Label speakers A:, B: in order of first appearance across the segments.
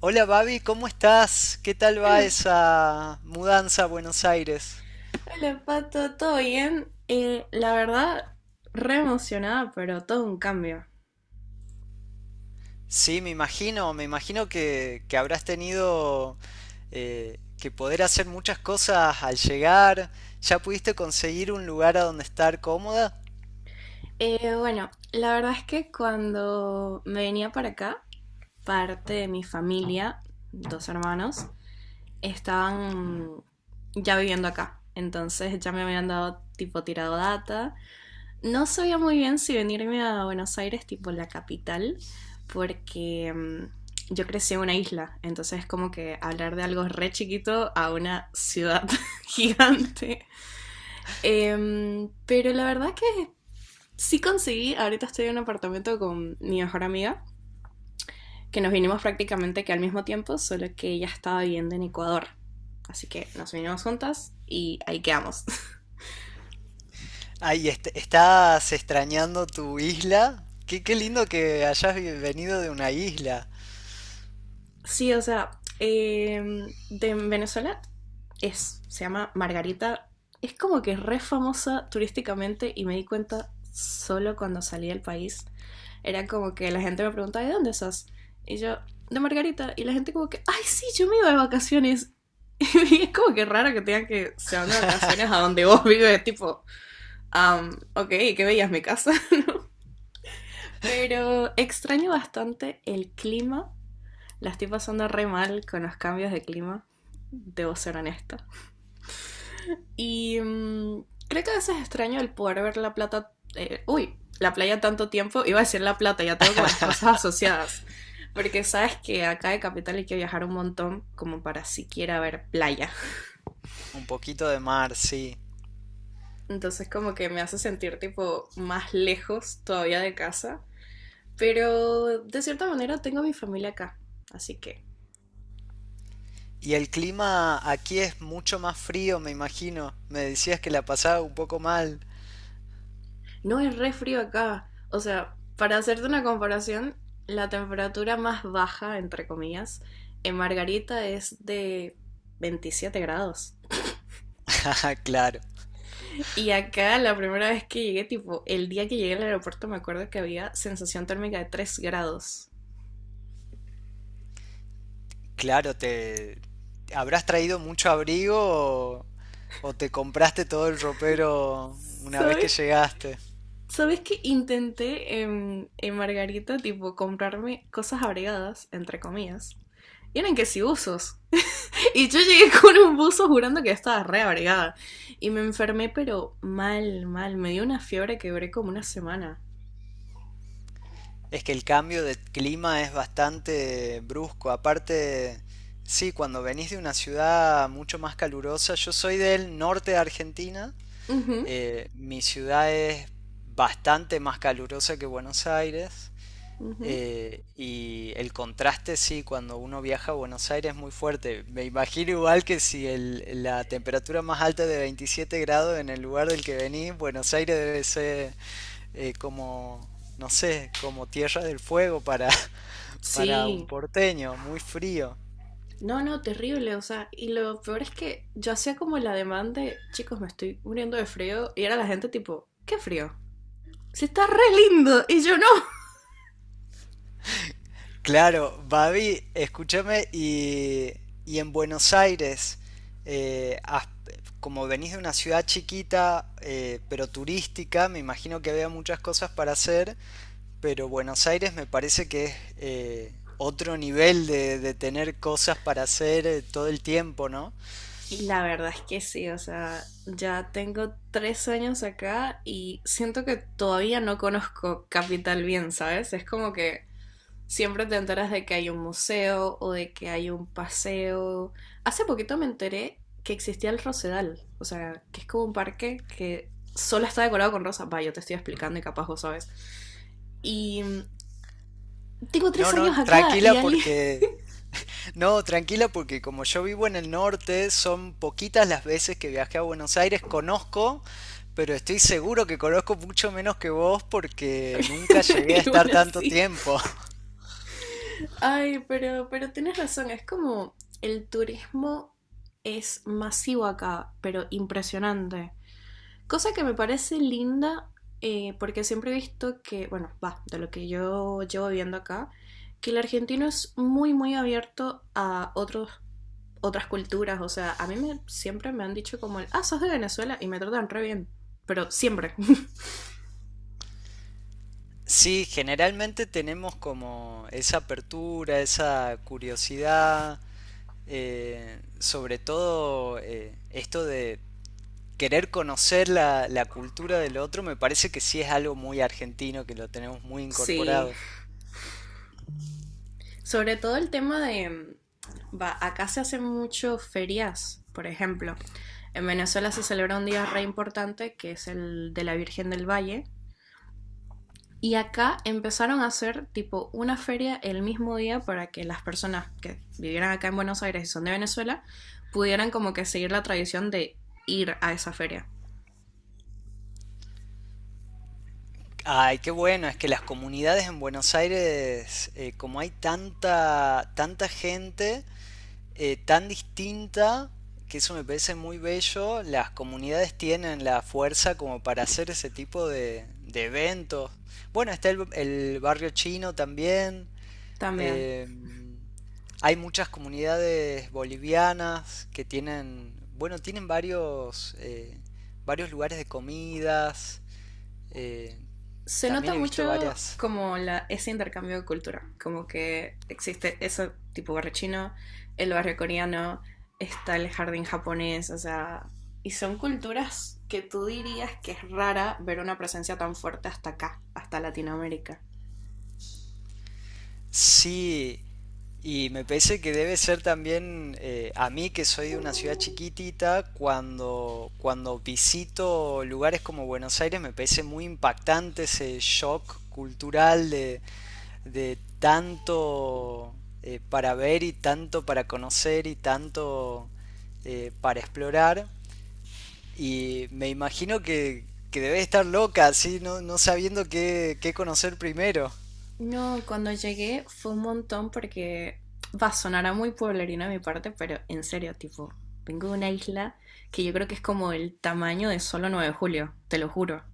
A: Hola Babi, ¿cómo estás? ¿Qué tal va
B: Hola,
A: esa mudanza a Buenos Aires?
B: hola Pato, ¿todo bien? La verdad, re emocionada, pero todo un cambio.
A: Sí, me imagino, me imagino que habrás tenido que poder hacer muchas cosas al llegar. ¿Ya pudiste conseguir un lugar a donde estar cómoda?
B: Bueno, la verdad es que cuando me venía para acá, parte de mi familia, dos hermanos, estaban ya viviendo acá. Entonces ya me habían dado tipo tirado data. No sabía muy bien si venirme a Buenos Aires, tipo la capital, porque yo crecí en una isla, entonces como que hablar de algo re chiquito a una ciudad gigante. Pero la verdad que sí conseguí, ahorita estoy en un apartamento con mi mejor amiga, que nos vinimos prácticamente que al mismo tiempo, solo que ella estaba viviendo en Ecuador. Así que nos vinimos juntas y ahí quedamos.
A: Ay, ¿estás extrañando tu isla? Qué, qué lindo que hayas venido de una isla.
B: Sí, o sea, de Venezuela es, se llama Margarita. Es como que es re famosa turísticamente y me di cuenta solo cuando salí del país. Era como que la gente me preguntaba, ¿de dónde sos? Y yo, de Margarita. Y la gente como que, ay, sí, yo me iba de vacaciones. Y es como que raro que tengan que se van de vacaciones a donde vos vives, tipo, ok, qué veías mi casa. Pero extraño bastante el clima, la estoy pasando re mal con los cambios de clima, debo ser honesta. Y creo que a veces extraño el poder ver la plata, uy, la playa tanto tiempo, iba a decir la plata, ya tengo como las cosas asociadas. Porque sabes que acá de Capital hay que viajar un montón como para siquiera ver playa.
A: Un poquito de mar, sí.
B: Entonces como que me hace sentir tipo más lejos todavía de casa. Pero de cierta manera tengo a mi familia acá. Así que.
A: Y el clima aquí es mucho más frío, me imagino. Me decías que la pasaba un poco mal.
B: No es re frío acá. O sea, para hacerte una comparación, la temperatura más baja, entre comillas, en Margarita es de 27 grados.
A: Ah, claro,
B: Y acá la primera vez que llegué, tipo, el día que llegué al aeropuerto me acuerdo que había sensación térmica de 3 grados.
A: claro, te habrás traído mucho abrigo o te compraste todo el ropero una vez que
B: ¿Sabes?
A: llegaste.
B: ¿Sabes que intenté en Margarita, tipo, comprarme cosas abrigadas, entre comillas? Y eran que si usos. Y yo llegué con un buzo jurando que estaba re abrigada. Y me enfermé, pero mal, mal. Me dio una fiebre que duré como una semana.
A: Es que el cambio de clima es bastante brusco. Aparte, sí, cuando venís de una ciudad mucho más calurosa, yo soy del norte de Argentina,
B: Ujú,
A: mi ciudad es bastante más calurosa que Buenos Aires.
B: ujú.
A: Y el contraste, sí, cuando uno viaja a Buenos Aires es muy fuerte. Me imagino igual que si la temperatura más alta de 27 grados en el lugar del que venís, Buenos Aires debe ser como, no sé, como tierra del fuego para, para un
B: Sí.
A: porteño, muy frío.
B: No, no, terrible. O sea, y lo peor es que yo hacía como la demanda de, chicos, me estoy muriendo de frío. Y era la gente tipo, ¿qué frío? Si está re lindo. Y yo no.
A: Claro, Babi, escúchame, y en Buenos Aires, eh, has- como venís de una ciudad chiquita, pero turística, me imagino que había muchas cosas para hacer, pero Buenos Aires me parece que es otro nivel de tener cosas para hacer todo el tiempo, ¿no?
B: Y la verdad es que sí, o sea, ya tengo 3 años acá y siento que todavía no conozco Capital bien, ¿sabes? Es como que siempre te enteras de que hay un museo o de que hay un paseo. Hace poquito me enteré que existía el Rosedal, o sea, que es como un parque que solo está decorado con rosas. Va, yo te estoy explicando y capaz vos sabes. Y tengo
A: No,
B: tres
A: no,
B: años acá
A: tranquila
B: y alguien.
A: porque... No, tranquila, porque como yo vivo en el norte, son poquitas las veces que viajé a Buenos Aires. Conozco, pero estoy seguro que conozco mucho menos que vos porque nunca llegué a
B: Y
A: estar
B: bueno,
A: tanto
B: sí.
A: tiempo.
B: Ay, pero tienes razón, es como el turismo es masivo acá, pero impresionante. Cosa que me parece linda, porque siempre he visto que, bueno, va, de lo que yo llevo viendo acá, que el argentino es muy, muy abierto a otros, otras culturas. O sea, a mí me, siempre me han dicho como el, ah, sos de Venezuela y me tratan re bien, pero siempre.
A: Sí, generalmente tenemos como esa apertura, esa curiosidad, sobre todo esto de querer conocer la cultura del otro, me parece que sí es algo muy argentino, que lo tenemos muy
B: Sí,
A: incorporado.
B: sobre todo el tema de, va, acá se hacen mucho ferias, por ejemplo. En Venezuela se celebra un día re importante que es el de la Virgen del Valle, y acá empezaron a hacer tipo una feria el mismo día para que las personas que vivieran acá en Buenos Aires y son de Venezuela pudieran como que seguir la tradición de ir a esa feria
A: Ay, qué bueno, es que las comunidades en Buenos Aires, como hay tanta, tanta gente tan distinta, que eso me parece muy bello, las comunidades tienen la fuerza como para hacer ese tipo de eventos. Bueno, está el barrio chino también,
B: también.
A: eh, hay muchas comunidades bolivianas que tienen, bueno, tienen varios, varios lugares de comidas. Eh,
B: Se
A: También
B: nota
A: he visto
B: mucho
A: varias.
B: como la, ese intercambio de cultura, como que existe ese tipo barrio chino, el barrio coreano, está el jardín japonés, o sea, y son culturas que tú dirías que es rara ver una presencia tan fuerte hasta acá, hasta Latinoamérica.
A: Sí, y me parece que debe ser también a mí que soy de una ciudad chiquitita, cuando, cuando visito lugares como Buenos Aires me parece muy impactante ese shock cultural de tanto para ver y tanto para conocer y tanto para explorar. Y me imagino que debe estar loca, así, no, no sabiendo qué, qué conocer primero.
B: No, cuando llegué fue un montón porque va a sonar a muy pueblerino de mi parte, pero en serio, tipo, vengo de una isla que yo creo que es como el tamaño de solo 9 de julio, te lo juro.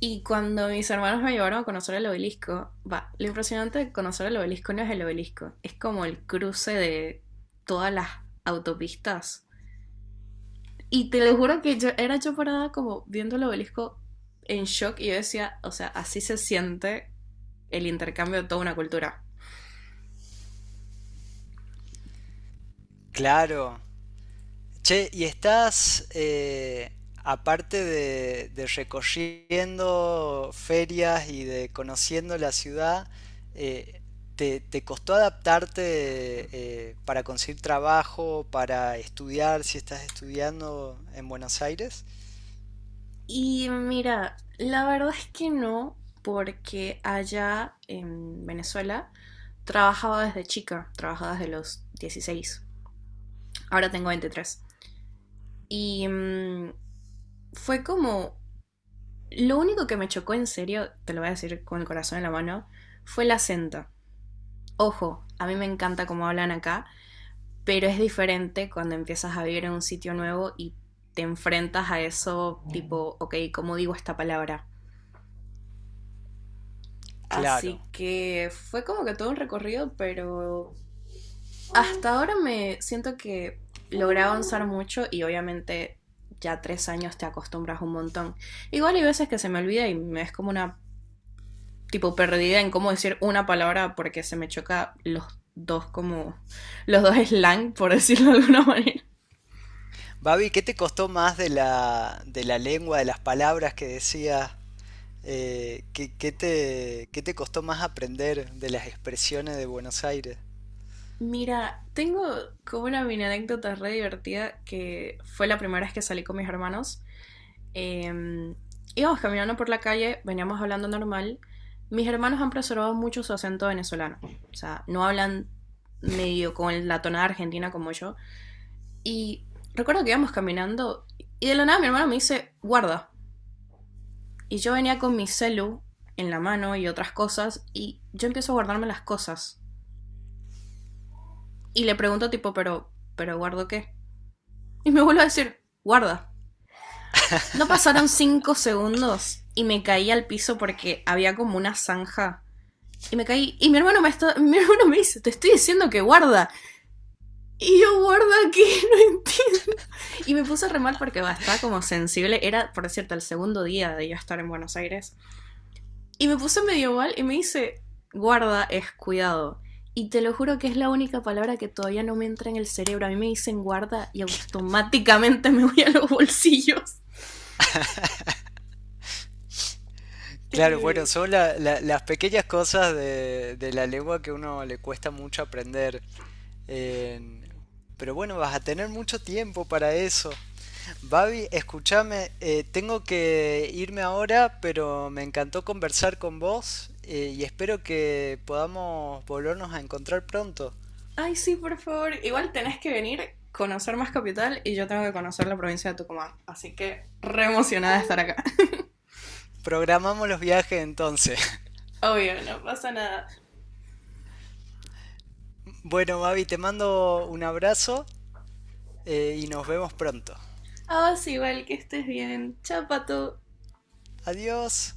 B: Y cuando mis hermanos me llevaron a conocer el obelisco, va, lo impresionante de conocer el obelisco no es el obelisco, es como el cruce de todas las autopistas. Y te lo juro que yo era yo parada como viendo el obelisco en shock y yo decía, o sea, así se siente el intercambio de toda una cultura.
A: Claro. Che, ¿y estás, aparte de recorriendo ferias y de conociendo la ciudad, eh, ¿te, te costó adaptarte para conseguir trabajo, para estudiar, si estás estudiando en Buenos Aires?
B: Y mira, la verdad es que no, porque allá en Venezuela trabajaba desde chica, trabajaba desde los 16. Ahora tengo 23. Y fue como, lo único que me chocó en serio, te lo voy a decir con el corazón en la mano, fue el acento. Ojo, a mí me encanta cómo hablan acá, pero es diferente cuando empiezas a vivir en un sitio nuevo y te enfrentas a eso tipo, ok, ¿cómo digo esta palabra?
A: Claro.
B: Así que fue como que todo un recorrido, pero hasta ahora me siento que logré avanzar mucho y obviamente ya 3 años te acostumbras un montón. Igual hay veces que se me olvida y me es como una tipo perdida en cómo decir una palabra porque se me choca los dos como los dos slang, por decirlo de alguna manera.
A: Babi, ¿qué te costó más de la lengua, de las palabras que decías? ¿Qué, qué te costó más aprender de las expresiones de Buenos Aires?
B: Mira, tengo como una mini anécdota re divertida que fue la primera vez que salí con mis hermanos. Eh, Íbamos caminando por la calle, veníamos hablando normal. Mis hermanos han preservado mucho su acento venezolano. O sea, no hablan medio con la tonada argentina como yo. Y recuerdo que íbamos caminando y de la nada mi hermano me dice, guarda. Y yo venía con mi celu en la mano y otras cosas y yo empiezo a guardarme las cosas. Y le pregunto tipo, pero ¿guardo qué? Y me vuelvo a decir, guarda. No pasaron 5 segundos y me caí al piso porque había como una zanja. Y me caí. Y mi hermano me, está- mi hermano me dice, te estoy diciendo que guarda. Y yo, guarda que no entiendo. Y me puse re mal porque va, estaba como sensible. Era, por cierto, el segundo día de yo estar en Buenos Aires. Y me puse medio mal y me dice, guarda es cuidado. Y te lo juro que es la única palabra que todavía no me entra en el cerebro. A mí me dicen guarda y automáticamente me voy a los bolsillos.
A: Claro, bueno,
B: Terrible.
A: son las pequeñas cosas de la lengua que a uno le cuesta mucho aprender. Eh, pero bueno, vas a tener mucho tiempo para eso. Babi, escúchame, tengo que irme ahora, pero me encantó conversar con vos y espero que podamos volvernos a encontrar pronto.
B: Ay, sí, por favor. Igual tenés que venir, conocer más capital y yo tengo que conocer la provincia de Tucumán. Así que re emocionada de estar acá.
A: Programamos los viajes entonces.
B: Obvio, no pasa nada.
A: Bueno, Babi, te mando un abrazo y nos vemos pronto.
B: Ah, sí, igual que estés bien. Chao, Pato.
A: Adiós.